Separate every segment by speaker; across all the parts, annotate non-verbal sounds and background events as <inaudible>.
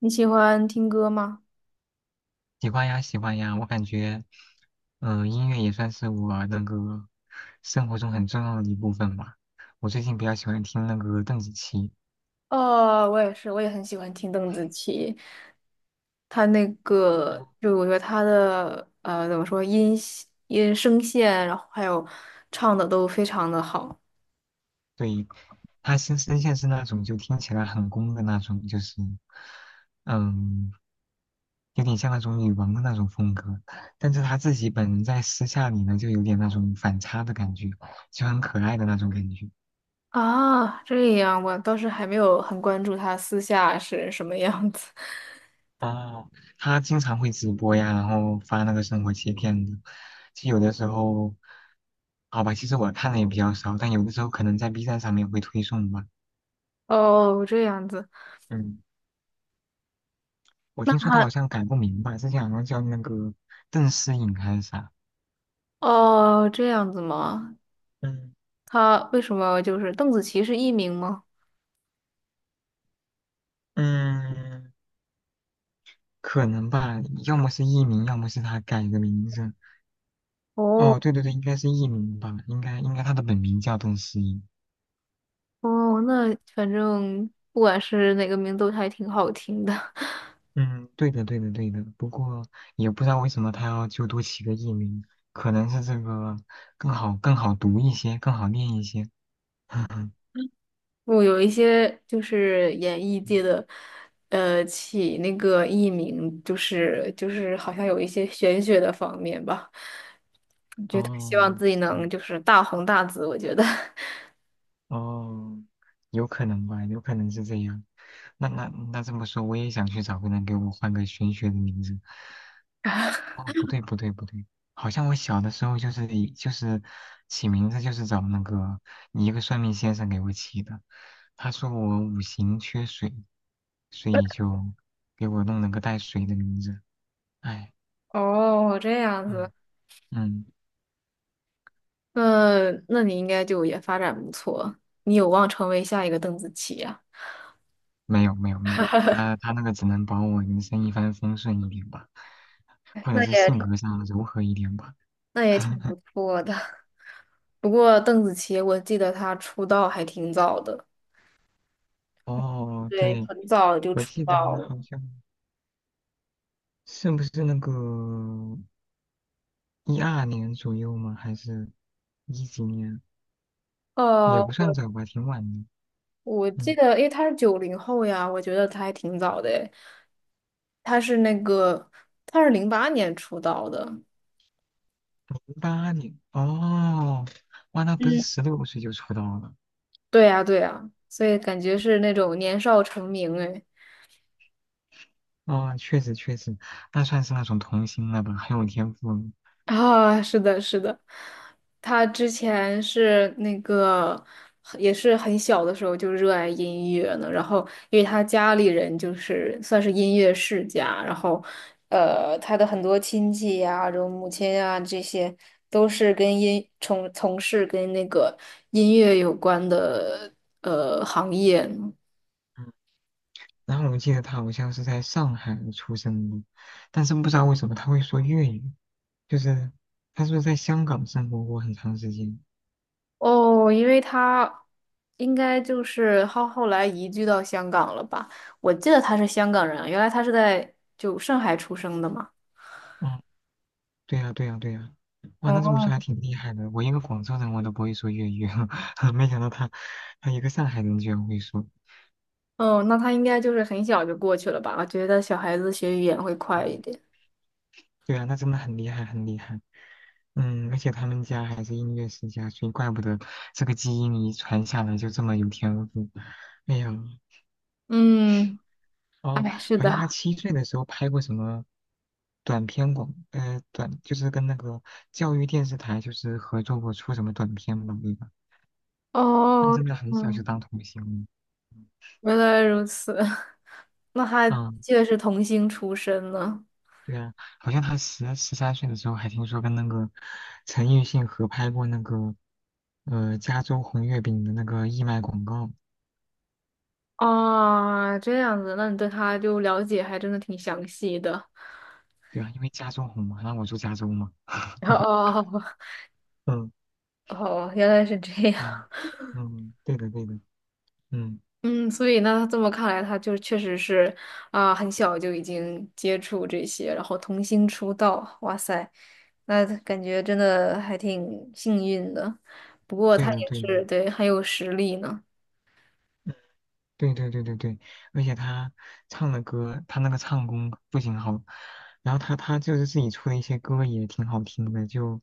Speaker 1: 你喜欢听歌吗？
Speaker 2: 喜欢呀，喜欢呀，我感觉，音乐也算是我那个生活中很重要的一部分吧。我最近比较喜欢听那个邓紫棋，
Speaker 1: 哦，我也是，我也很喜欢听邓紫棋。她那个，就我觉得她的怎么说，音系音声线，然后还有唱的都非常的好
Speaker 2: 对，她新声线是那种就听起来很攻的那种，就是，嗯，有点像那种女王的那种风格。但是她自己本人在私下里呢，就有点那种反差的感觉，就很可爱的那种感觉。
Speaker 1: 啊。这样，我倒是还没有很关注她私下是什么样子。<laughs>
Speaker 2: 哦，他经常会直播呀，然后发那个生活切片的。其实有的时候，好吧，其实我看的也比较少，但有的时候可能在 B 站上面会推送吧。
Speaker 1: 哦，这样子，
Speaker 2: 嗯，我
Speaker 1: 那
Speaker 2: 听说他好
Speaker 1: 她
Speaker 2: 像改过名吧，之前好像叫那个邓诗颖还是啥。
Speaker 1: 哦，这样子吗？
Speaker 2: 嗯
Speaker 1: 她为什么就是邓紫棋是艺名吗？
Speaker 2: 嗯，可能吧，要么是艺名，要么是他改的名字。
Speaker 1: 哦。
Speaker 2: 哦，对对对，应该是艺名吧，应该他的本名叫邓诗颖。
Speaker 1: 哦，那反正不管是哪个名都还挺好听的。<laughs>
Speaker 2: 嗯，对的，对的，对的。不过也不知道为什么他要就多起个艺名，可能是这个更好读一些，更好念一些。
Speaker 1: 我有一些就是演艺界
Speaker 2: <laughs>
Speaker 1: 的，起那个艺名，就是好像有一些玄学的方面吧，希
Speaker 2: 哦，
Speaker 1: 望自己
Speaker 2: 是吗？
Speaker 1: 能就是大红大紫。我觉得，
Speaker 2: 哦，有可能吧，有可能是这样。那那那这么说，我也想去找个人给我换个玄学的名字。哦，不对不对不对，好像我小的时候就是起名字就是找那个一个算命先生给我起的，他说我五行缺水，所以就给我弄了个带水的名字。哎，
Speaker 1: <laughs> 哦，这样子，
Speaker 2: 嗯嗯，
Speaker 1: 那你应该就也发展不错，你有望成为下一个邓紫棋呀。
Speaker 2: 没有没有没有，
Speaker 1: 啊。<laughs>
Speaker 2: 他那个只能保我人生一帆风顺一点吧，或者
Speaker 1: 那
Speaker 2: 是
Speaker 1: 也
Speaker 2: 性
Speaker 1: 挺
Speaker 2: 格上柔和一点吧。
Speaker 1: 那也挺
Speaker 2: <laughs>
Speaker 1: 不错的。不过邓紫棋，我记得她出道还挺早的，
Speaker 2: 哦，
Speaker 1: 对，
Speaker 2: 对，
Speaker 1: 很早就
Speaker 2: 我
Speaker 1: 出
Speaker 2: 记
Speaker 1: 道
Speaker 2: 得
Speaker 1: 了。
Speaker 2: 好像是不是那个？一二年左右吗？还是一几年？也
Speaker 1: 呃，
Speaker 2: 不算早吧，挺晚的。
Speaker 1: 我记
Speaker 2: 嗯，
Speaker 1: 得，因为她是九零后呀，我觉得她还挺早的诶。她是那个，她是零八年出道的。
Speaker 2: 08年。哦，哇，那不是
Speaker 1: 嗯，
Speaker 2: 16岁就出道了？
Speaker 1: 对呀，对呀，所以感觉是那种年少成名哎。
Speaker 2: 哦，确实确实，那算是那种童星了吧，很有天赋了
Speaker 1: <laughs> 啊，是的，是的，他之前是那个，也是很小的时候就热爱音乐呢。然后，因为他家里人就是算是音乐世家，然后，他的很多亲戚呀、然后母亲呀、这些都是跟音从从事跟那个音乐有关的行业。
Speaker 2: 嗯，然后我记得他好像是在上海出生的，但是不知道为什么他会说粤语，就是他是不是在香港生活过很长时间？
Speaker 1: 哦，因为他应该就是后来移居到香港了吧？我记得他是香港人啊，原来他是在就上海出生的嘛。
Speaker 2: 哦。对呀，对呀，对呀，哇，那这么说
Speaker 1: 哦，
Speaker 2: 还挺厉害的。我一个广州人，我都不会说粤语，<laughs> 没想到他一个上海人居然会说。
Speaker 1: 哦，那他应该就是很小就过去了吧？我觉得小孩子学语言会快一
Speaker 2: 嗯，
Speaker 1: 点。
Speaker 2: 对啊，那真的很厉害，很厉害。嗯，而且他们家还是音乐世家，所以怪不得这个基因遗传下来就这么有天赋。哎呀，
Speaker 1: 嗯，
Speaker 2: 哦，
Speaker 1: 哎，是
Speaker 2: 好像他
Speaker 1: 的。
Speaker 2: 7岁的时候拍过什么短片广，短就是跟那个教育电视台就是合作过出什么短片吧，对吧？那
Speaker 1: 哦，
Speaker 2: 真的很小就
Speaker 1: 嗯，
Speaker 2: 当童星了。嗯
Speaker 1: 原来如此。<laughs> 那他
Speaker 2: 啊，
Speaker 1: 记得是童星出身呢。
Speaker 2: 对啊，好像他十三岁的时候还听说跟那个陈奕迅合拍过那个加州红月饼的那个义卖广告，
Speaker 1: 啊，这样子，那你对他就了解还真的挺详细的。
Speaker 2: 对啊，因为加州红嘛，然后我住加州嘛，
Speaker 1: <laughs>
Speaker 2: <laughs>
Speaker 1: 哦。
Speaker 2: 嗯
Speaker 1: 哦，原来是这样。
Speaker 2: 嗯
Speaker 1: <laughs>
Speaker 2: 嗯，对的对的，嗯，
Speaker 1: 嗯，所以那这么看来，他就确实是啊，很小就已经接触这些，然后童星出道，哇塞，那感觉真的还挺幸运的。不过
Speaker 2: 对
Speaker 1: 他
Speaker 2: 的
Speaker 1: 也
Speaker 2: 对的
Speaker 1: 是对很有实力呢。
Speaker 2: 对对对对对，而且他唱的歌，他那个唱功不仅好，然后他就是自己出的一些歌也挺好听的，就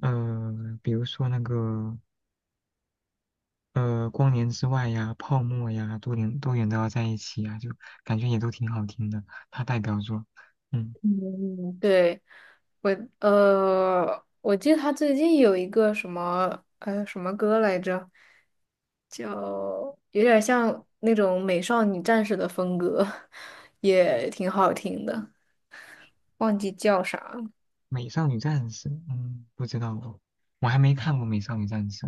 Speaker 2: 呃比如说那个。光年之外呀、泡沫呀，多远都要在一起呀，就感觉也都挺好听的。他代表作，嗯，
Speaker 1: 嗯，对，我我记得他最近有一个什么什么歌来着，叫有点像那种美少女战士的风格，<laughs> 也挺好听的。忘记叫啥
Speaker 2: 《美少女战士》，不知道哦，我还没看过《美少女战士》，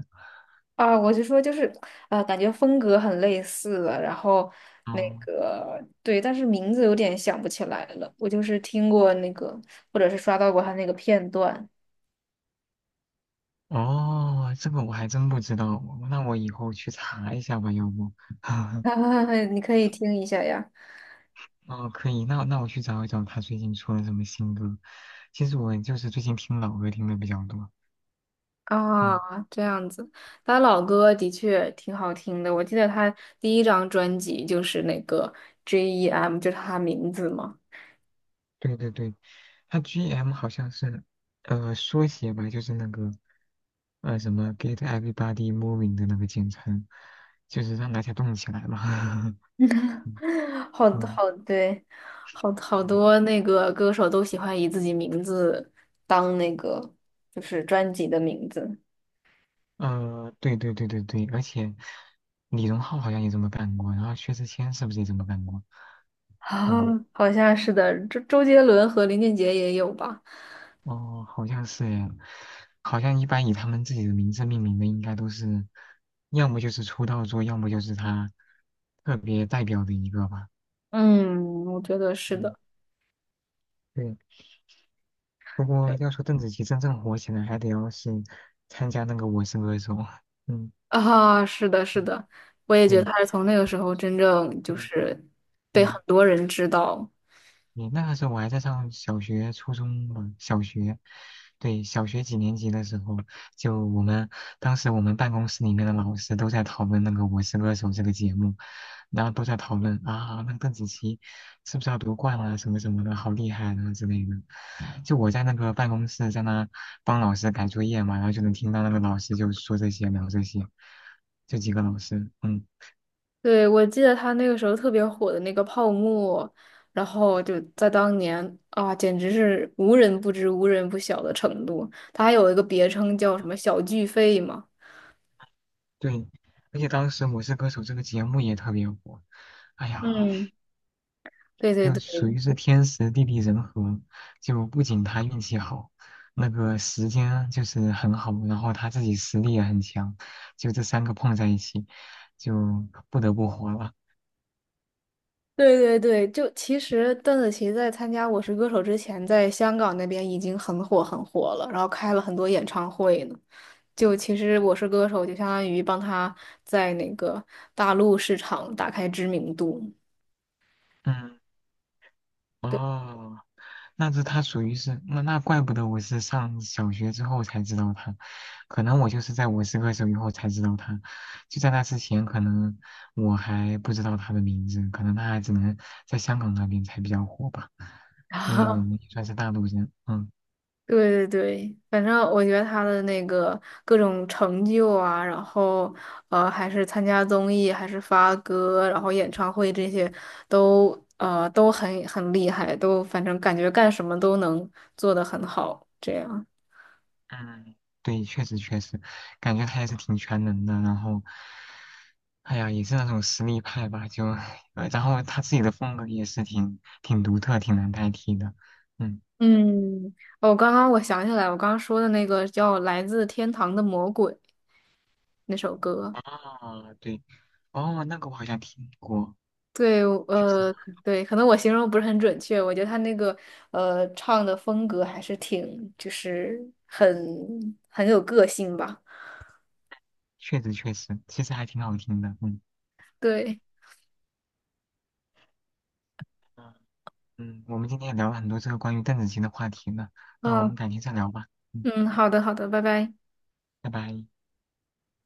Speaker 1: 啊，我就说就是，感觉风格很类似了，然后那
Speaker 2: 哦
Speaker 1: 个对，但是名字有点想不起来了。我就是听过那个，或者是刷到过他那个片段，
Speaker 2: 哦，这个我还真不知道哦，那我以后去查一下吧，要不？<laughs>
Speaker 1: <laughs> 你可以听一下呀。
Speaker 2: 哦，可以，那我去找一找他最近出了什么新歌。其实我就是最近听老歌听的比较多，
Speaker 1: 啊，
Speaker 2: 嗯，
Speaker 1: 这样子，他老歌的确挺好听的。我记得他第一张专辑就是那个 J.E.M,就是他名字嘛。
Speaker 2: 对对对，他 GM 好像是缩写吧，就是那个。什么 Get Everybody Moving 的那个简称，就是让大家动起来嘛。<laughs> 嗯
Speaker 1: <laughs> 好
Speaker 2: 嗯，
Speaker 1: 好对，好好
Speaker 2: 嗯，
Speaker 1: 多那个歌手都喜欢以自己名字当那个就是专辑的名字，
Speaker 2: 对对对对对，而且李荣浩好像也这么干过，然后薛之谦是不是也这么干过？
Speaker 1: <laughs> 啊
Speaker 2: 嗯，
Speaker 1: 好像是的，周杰伦和林俊杰也有吧？
Speaker 2: 哦，好像是呀，好像一般以他们自己的名字命名的应该都是，要么就是出道作，要么就是他特别代表的一个吧。
Speaker 1: 嗯，我觉得是
Speaker 2: 嗯，
Speaker 1: 的，
Speaker 2: 对。不过
Speaker 1: 对
Speaker 2: 要说邓紫棋真正火起来，还得要是参加那个《我是歌手》。嗯
Speaker 1: 啊，是的，是
Speaker 2: 嗯，
Speaker 1: 的，我也觉得
Speaker 2: 对
Speaker 1: 他是从那个时候真正就
Speaker 2: 对，
Speaker 1: 是被
Speaker 2: 嗯。
Speaker 1: 很多人知道，
Speaker 2: 你那个时候我还在上小学、初中吧，小学，对，小学几年级的时候，就我们当时我们办公室里面的老师都在讨论那个《我是歌手》这个节目，然后都在讨论啊，那个邓紫棋是不是要夺冠啊，什么什么的，好厉害啊之类的。就我在那个办公室在那帮老师改作业嘛，然后就能听到那个老师就说这些聊这些，就几个老师，嗯，
Speaker 1: 对，我记得他那个时候特别火的那个泡沫，然后就在当年啊，简直是无人不知、无人不晓的程度。他还有一个别称叫什么“小巨肺”嘛。
Speaker 2: 对，而且当时《我是歌手》这个节目也特别火。哎呀，
Speaker 1: 嗯，对对
Speaker 2: 就属
Speaker 1: 对
Speaker 2: 于是天时地利人和，就不仅他运气好，那个时间就是很好，然后他自己实力也很强，就这三个碰在一起，就不得不活了。
Speaker 1: 对对对，就其实邓紫棋在参加《我是歌手》之前，在香港那边已经很火很火了，然后开了很多演唱会呢。就其实《我是歌手》就相当于帮她在那个大陆市场打开知名度。
Speaker 2: 嗯，
Speaker 1: 对。
Speaker 2: 哦，那是他属于是那怪不得我是上小学之后才知道他，可能我就是在我是歌手以后才知道他，就在那之前可能我还不知道他的名字，可能他还只能在香港那边才比较火吧，因为我们
Speaker 1: <laughs>
Speaker 2: 也算是大陆人，嗯
Speaker 1: 对对 <laughs> 对，反正我觉得他的那个各种成就啊，然后还是参加综艺，还是发歌，然后演唱会这些都都很很厉害，都反正感觉干什么都能做得很好，这样。
Speaker 2: 嗯，对，确实确实，感觉他也是挺全能的，然后，哎呀，也是那种实力派吧，就，<laughs> 然后他自己的风格也是挺独特、挺难代替的，嗯。
Speaker 1: 嗯，哦，刚刚我想起来，我刚刚说的那个叫《来自天堂的魔鬼》那首歌。
Speaker 2: 啊，对，哦，那个我好像听过，
Speaker 1: 对，
Speaker 2: 确实，
Speaker 1: 对，可能我形容不是很准确，我觉得他那个唱的风格还是挺，就是很很有个性吧。
Speaker 2: 确实，确实，其实还挺好听的，嗯
Speaker 1: 对，
Speaker 2: 嗯，嗯，我们今天也聊了很多这个关于邓紫棋的话题呢，那我
Speaker 1: 嗯
Speaker 2: 们改天再聊吧，嗯，
Speaker 1: 嗯，好的好的，拜拜。
Speaker 2: 拜拜。